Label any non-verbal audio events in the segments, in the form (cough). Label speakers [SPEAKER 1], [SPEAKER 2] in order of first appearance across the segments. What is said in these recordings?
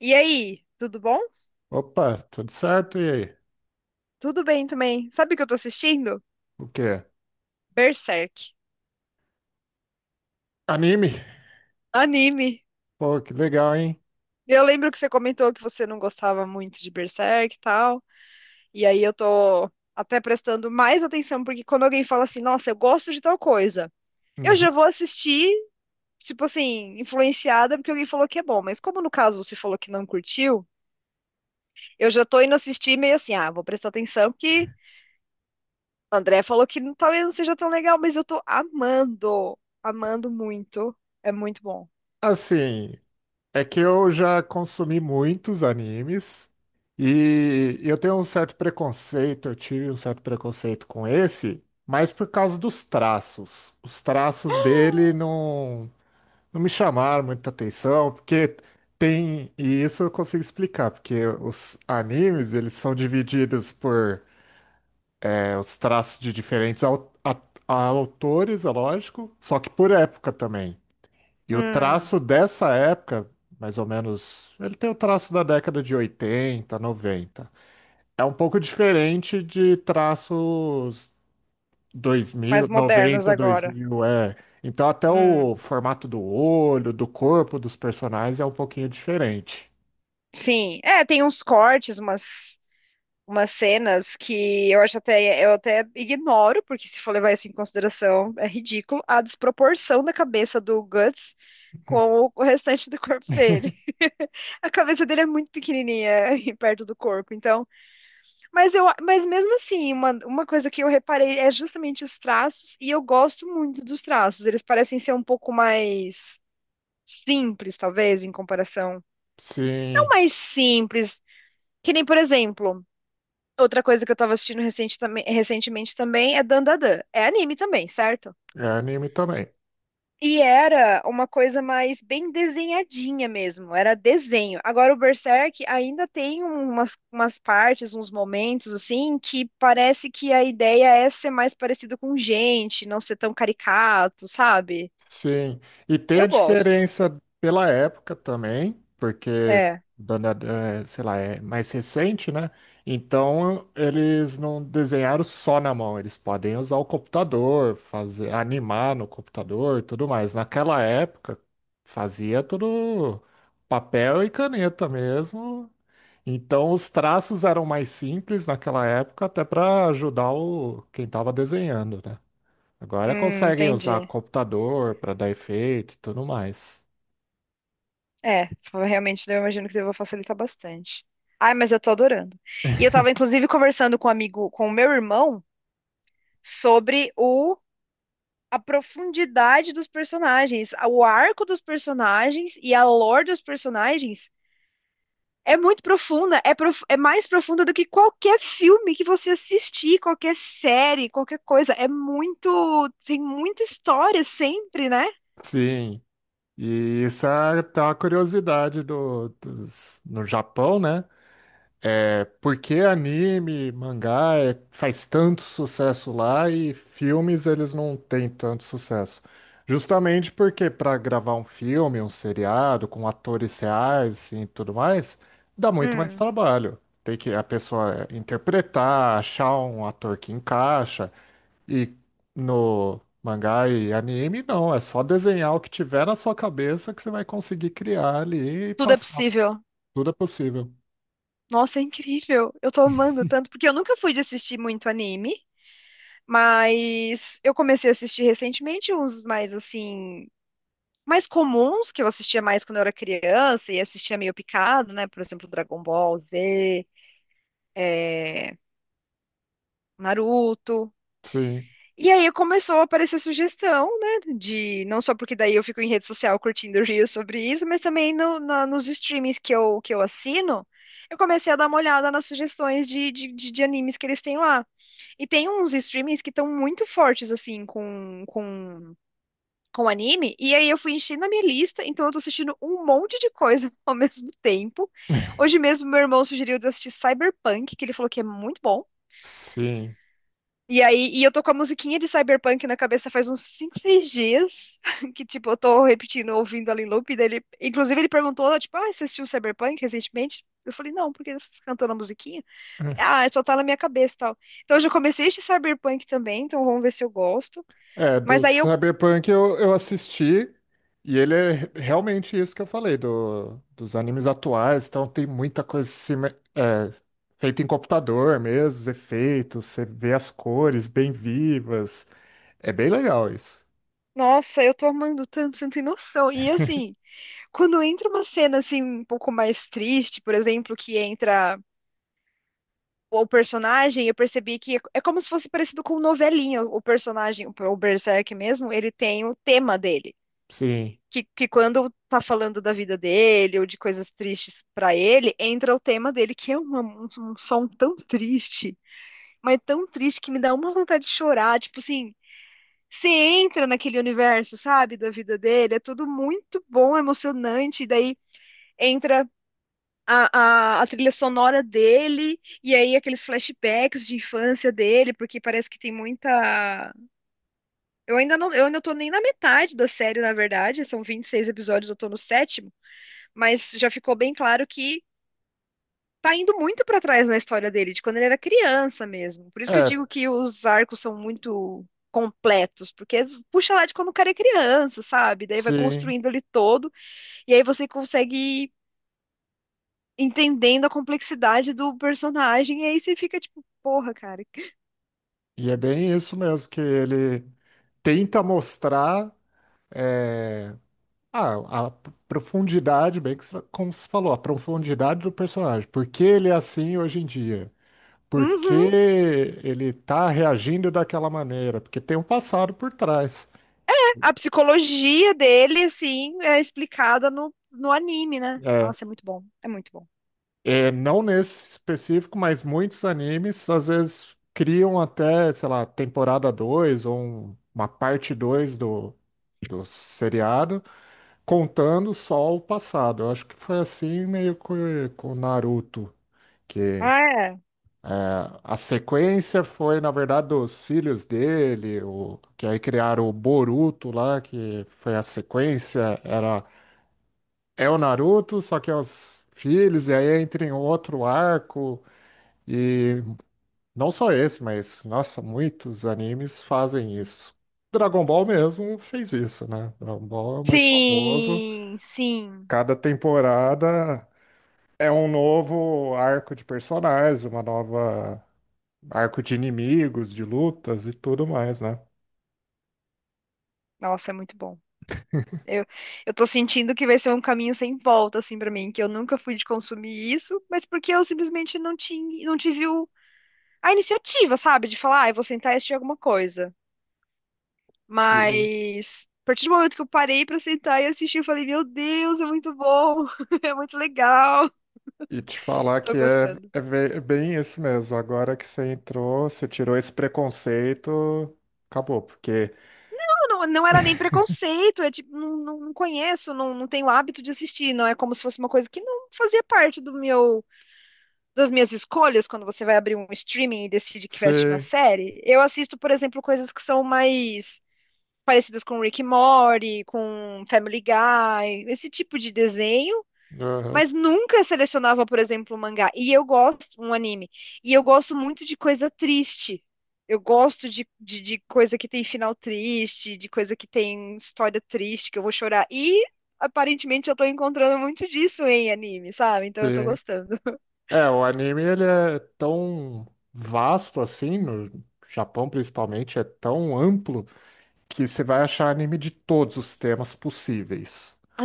[SPEAKER 1] E aí, tudo bom?
[SPEAKER 2] Opa, tudo certo? E aí?
[SPEAKER 1] Tudo bem também. Sabe o que eu tô assistindo?
[SPEAKER 2] O que é?
[SPEAKER 1] Berserk.
[SPEAKER 2] Anime?
[SPEAKER 1] Anime.
[SPEAKER 2] Pô, que legal, hein?
[SPEAKER 1] Eu lembro que você comentou que você não gostava muito de Berserk e tal. E aí eu tô até prestando mais atenção, porque quando alguém fala assim, nossa, eu gosto de tal coisa, eu
[SPEAKER 2] Uhum.
[SPEAKER 1] já vou assistir, tipo assim, influenciada porque alguém falou que é bom. Mas como no caso você falou que não curtiu, eu já tô indo assistir meio assim, ah, vou prestar atenção porque o André falou que talvez não seja tão legal, mas eu tô amando, amando muito. É muito bom.
[SPEAKER 2] Assim, é que eu já consumi muitos animes e eu tenho um certo preconceito, eu tive um certo preconceito com esse, mas por causa dos traços. Os traços dele
[SPEAKER 1] (gasps)
[SPEAKER 2] não, não me chamaram muita atenção, porque tem, e isso eu consigo explicar, porque os animes, eles são divididos por. Os traços de diferentes autores, é lógico, só que por época também. E o
[SPEAKER 1] Hum,
[SPEAKER 2] traço dessa época, mais ou menos, ele tem o traço da década de 80, 90. É um pouco diferente de traços dois mil
[SPEAKER 1] mais modernos
[SPEAKER 2] noventa, dois
[SPEAKER 1] agora.
[SPEAKER 2] mil é. Então até
[SPEAKER 1] Hum,
[SPEAKER 2] o formato do olho, do corpo dos personagens é um pouquinho diferente.
[SPEAKER 1] sim. É, tem uns cortes, umas cenas que eu acho até, eu até ignoro, porque se for levar isso em consideração, é ridículo, a desproporção da cabeça do Guts com o restante do corpo dele. (laughs) A cabeça dele é muito pequenininha (laughs) perto do corpo, então. Mas mesmo assim, uma coisa que eu reparei é justamente os traços, e eu gosto muito dos traços. Eles parecem ser um pouco mais simples, talvez, em comparação. Não
[SPEAKER 2] Sim,
[SPEAKER 1] mais simples, que nem, por exemplo, outra coisa que eu tava assistindo recentemente também é Dandadan. É anime também, certo?
[SPEAKER 2] é anime também.
[SPEAKER 1] E era uma coisa mais bem desenhadinha mesmo, era desenho. Agora o Berserk ainda tem umas partes, uns momentos assim, que parece que a ideia é ser mais parecido com gente, não ser tão caricato, sabe?
[SPEAKER 2] Sim, e tem a
[SPEAKER 1] Eu gosto.
[SPEAKER 2] diferença pela época também, porque,
[SPEAKER 1] É,
[SPEAKER 2] dona- sei lá, é mais recente, né? Então eles não desenharam só na mão, eles podem usar o computador, fazer, animar no computador, e tudo mais. Naquela época fazia tudo papel e caneta mesmo. Então os traços eram mais simples naquela época, até para ajudar o quem estava desenhando, né? Agora
[SPEAKER 1] hum,
[SPEAKER 2] conseguem usar
[SPEAKER 1] entendi.
[SPEAKER 2] computador para dar efeito e tudo mais.
[SPEAKER 1] É, realmente eu imagino que deva facilitar bastante. Ai, mas eu tô adorando. E eu tava inclusive conversando com um amigo, com o meu irmão, sobre o a profundidade dos personagens, o arco dos personagens e a lore dos personagens é muito profunda, é mais profunda do que qualquer filme que você assistir, qualquer série, qualquer coisa. É muito, tem muita história sempre, né?
[SPEAKER 2] Sim, e isso é até uma curiosidade no Japão, né? É, por que anime, mangá faz tanto sucesso lá e filmes eles não têm tanto sucesso? Justamente porque para gravar um filme, um seriado com atores reais assim, e tudo mais, dá muito mais
[SPEAKER 1] Hum,
[SPEAKER 2] trabalho. Tem que a pessoa interpretar, achar um ator que encaixa. E no mangá e anime, não. É só desenhar o que tiver na sua cabeça que você vai conseguir criar ali e
[SPEAKER 1] tudo é
[SPEAKER 2] passar.
[SPEAKER 1] possível.
[SPEAKER 2] Tudo é possível.
[SPEAKER 1] Nossa, é incrível. Eu tô amando tanto, porque eu nunca fui de assistir muito anime, mas eu comecei a assistir recentemente uns mais assim, mais comuns que eu assistia mais quando eu era criança e assistia meio picado, né? Por exemplo, Dragon Ball Z, é, Naruto.
[SPEAKER 2] Sim,
[SPEAKER 1] E aí começou a aparecer sugestão, né? De não só porque daí eu fico em rede social curtindo (laughs) reels sobre isso, mas também nos streamings que que eu assino, eu comecei a dar uma olhada nas sugestões de, de animes que eles têm lá. E tem uns streamings que estão muito fortes, assim, com anime. E aí eu fui enchendo a minha lista, então eu tô assistindo um monte de coisa (laughs) ao mesmo tempo.
[SPEAKER 2] (laughs)
[SPEAKER 1] Hoje mesmo, meu irmão sugeriu de eu assistir Cyberpunk, que ele falou que é muito bom.
[SPEAKER 2] sim.
[SPEAKER 1] E eu tô com a musiquinha de Cyberpunk na cabeça faz uns 5 6 dias, (laughs) que tipo, eu tô repetindo, ouvindo ali em loop dele. Inclusive, ele perguntou, tipo, ah, você assistiu Cyberpunk recentemente? Eu falei, não, porque você cantou na musiquinha? Ah, é, só tá na minha cabeça e tal. Então, eu já comecei este Cyberpunk também, então vamos ver se eu gosto.
[SPEAKER 2] É,
[SPEAKER 1] Mas
[SPEAKER 2] do
[SPEAKER 1] daí eu,
[SPEAKER 2] Cyberpunk eu assisti e ele é realmente isso que eu falei, do, dos animes atuais. Então tem muita coisa é, feita em computador mesmo, os efeitos, você vê as cores bem vivas. É bem legal isso.
[SPEAKER 1] nossa, eu tô amando tanto, você não tem noção. E assim,
[SPEAKER 2] (laughs)
[SPEAKER 1] quando entra uma cena assim, um pouco mais triste, por exemplo, que entra o personagem, eu percebi que é como se fosse parecido com novelinha. O personagem, o Berserk mesmo, ele tem o tema dele.
[SPEAKER 2] Sim.
[SPEAKER 1] Que quando tá falando da vida dele ou de coisas tristes pra ele, entra o tema dele, que é um som tão triste, mas tão triste que me dá uma vontade de chorar. Tipo assim, você entra naquele universo, sabe, da vida dele, é tudo muito bom, emocionante, e daí entra a trilha sonora dele, e aí aqueles flashbacks de infância dele, porque parece que tem muita. Eu ainda não, eu ainda tô nem na metade da série, na verdade, são 26 episódios, eu tô no sétimo, mas já ficou bem claro que tá indo muito pra trás na história dele, de quando ele era criança mesmo. Por isso que eu
[SPEAKER 2] É,
[SPEAKER 1] digo que os arcos são muito completos, porque puxa lá de quando o cara é criança, sabe? Daí vai
[SPEAKER 2] sim.
[SPEAKER 1] construindo ele todo, e aí você consegue entendendo a complexidade do personagem, e aí você fica tipo, porra, cara.
[SPEAKER 2] E é bem isso mesmo, que ele tenta mostrar é, a profundidade, bem que, como você falou, a profundidade do personagem. Por que ele é assim hoje em dia? Por que
[SPEAKER 1] Uhum.
[SPEAKER 2] ele está reagindo daquela maneira? Porque tem um passado por trás.
[SPEAKER 1] A psicologia dele, assim, é explicada no anime, né?
[SPEAKER 2] É,
[SPEAKER 1] Nossa, é muito bom. É muito bom.
[SPEAKER 2] é, não nesse específico, mas muitos animes às vezes criam até, sei lá, temporada 2 ou uma parte 2 do, seriado contando só o passado. Eu acho que foi assim meio que com o Naruto, que
[SPEAKER 1] Ah, é.
[SPEAKER 2] a sequência foi, na verdade, dos filhos dele, o, que aí criaram o Boruto lá, que foi a sequência, era é o Naruto, só que é os filhos, e aí entra em outro arco, e não só esse, mas, nossa, muitos animes fazem isso. Dragon Ball mesmo fez isso, né? Dragon Ball é o mais famoso.
[SPEAKER 1] Sim, sim.
[SPEAKER 2] Cada temporada é um novo arco de personagens, uma nova arco de inimigos, de lutas e tudo mais, né?
[SPEAKER 1] Nossa, é muito bom. Eu, eu tô sentindo que vai ser um caminho sem volta, assim, pra mim, que eu nunca fui de consumir isso, mas porque eu simplesmente não tinha, não tive a iniciativa, sabe? De falar, ah, eu vou sentar e assistir alguma coisa.
[SPEAKER 2] E,
[SPEAKER 1] Mas a partir do momento que eu parei pra sentar e assistir, eu falei, meu Deus, é muito bom, (laughs) é muito legal,
[SPEAKER 2] e te falar
[SPEAKER 1] tô
[SPEAKER 2] que
[SPEAKER 1] gostando.
[SPEAKER 2] é bem isso mesmo. Agora que você entrou, você tirou esse preconceito, acabou, porque
[SPEAKER 1] Não, não, não era nem preconceito, é tipo, não, não, não conheço, não, não tenho hábito de assistir, não é como se fosse uma coisa que não fazia parte do meu, das minhas escolhas quando você vai abrir um streaming e decide que vai assistir uma
[SPEAKER 2] você.
[SPEAKER 1] série. Eu assisto, por exemplo, coisas que são mais parecidas com Rick and Morty, com Family Guy, esse tipo de desenho
[SPEAKER 2] Aham,
[SPEAKER 1] mas nunca selecionava, por exemplo, um mangá. E eu gosto, um anime. E eu gosto muito de coisa triste. Eu gosto de coisa que tem final triste, de coisa que tem história triste, que eu vou chorar. E aparentemente eu tô encontrando muito disso em anime, sabe? Então eu tô
[SPEAKER 2] sim.
[SPEAKER 1] gostando.
[SPEAKER 2] É, o anime ele é tão vasto assim, no Japão principalmente, é tão amplo que você vai achar anime de todos os temas possíveis.
[SPEAKER 1] (laughs)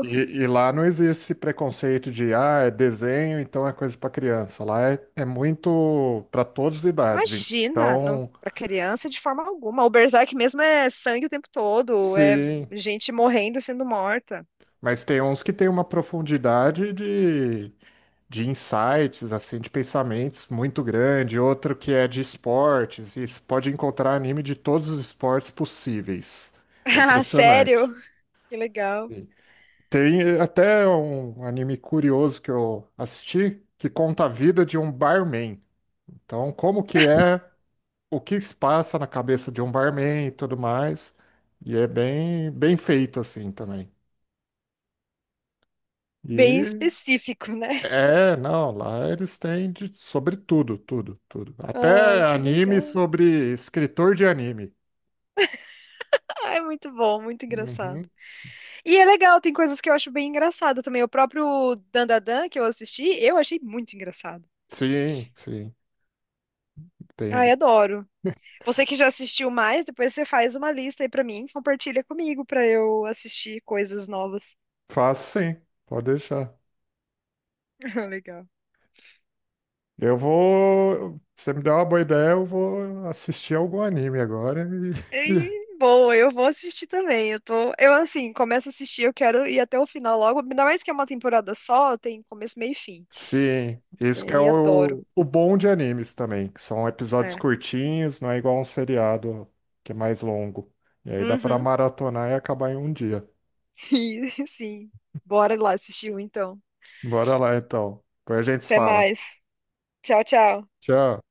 [SPEAKER 2] E, e lá não existe esse preconceito de, ah, é desenho, então é coisa para criança. Lá é, é muito para todas as idades.
[SPEAKER 1] Imagina, não,
[SPEAKER 2] Então,
[SPEAKER 1] pra criança de forma alguma. O Berserk mesmo é sangue o tempo todo, é
[SPEAKER 2] sim,
[SPEAKER 1] gente morrendo e sendo morta.
[SPEAKER 2] mas tem uns que têm uma profundidade de insights, assim, de pensamentos muito grande, outro que é de esportes, e você pode encontrar anime de todos os esportes possíveis.
[SPEAKER 1] (laughs)
[SPEAKER 2] É
[SPEAKER 1] Ah,
[SPEAKER 2] impressionante.
[SPEAKER 1] sério? Que legal.
[SPEAKER 2] Sim. Tem, eh, até um anime curioso que eu assisti que conta a vida de um barman. Então, como que é, o que se passa na cabeça de um barman e tudo mais. E é bem, bem feito assim também.
[SPEAKER 1] Bem
[SPEAKER 2] E
[SPEAKER 1] específico, né?
[SPEAKER 2] é, não, lá eles têm de, sobre tudo, tudo, tudo.
[SPEAKER 1] Ai,
[SPEAKER 2] Até
[SPEAKER 1] que
[SPEAKER 2] anime
[SPEAKER 1] legal.
[SPEAKER 2] sobre escritor de anime.
[SPEAKER 1] Ai, muito bom, muito engraçado.
[SPEAKER 2] Uhum.
[SPEAKER 1] E é legal, tem coisas que eu acho bem engraçado também. O próprio Dandadan que eu assisti, eu achei muito engraçado.
[SPEAKER 2] Sim, sim. Tem,
[SPEAKER 1] Ai, adoro. Você que já assistiu mais, depois você faz uma lista aí pra mim, compartilha comigo pra eu assistir coisas novas.
[SPEAKER 2] faço sim, pode deixar.
[SPEAKER 1] (laughs) Legal.
[SPEAKER 2] Eu vou. Você me deu uma boa ideia, eu vou assistir algum anime agora e, (laughs)
[SPEAKER 1] E, boa, eu vou assistir também. Eu tô, eu assim, começo a assistir, eu quero ir até o final logo, ainda mais que é uma temporada só, tem começo, meio e fim.
[SPEAKER 2] sim,
[SPEAKER 1] E
[SPEAKER 2] isso que é
[SPEAKER 1] aí adoro.
[SPEAKER 2] o bom de animes também, que são episódios
[SPEAKER 1] É.
[SPEAKER 2] curtinhos, não é igual um seriado que é mais longo. E aí dá pra
[SPEAKER 1] Uhum.
[SPEAKER 2] maratonar e acabar em um dia.
[SPEAKER 1] E, (laughs) sim, bora lá assistir um então.
[SPEAKER 2] Bora lá então. Depois a gente se
[SPEAKER 1] Até
[SPEAKER 2] fala.
[SPEAKER 1] mais. Tchau, tchau.
[SPEAKER 2] Tchau.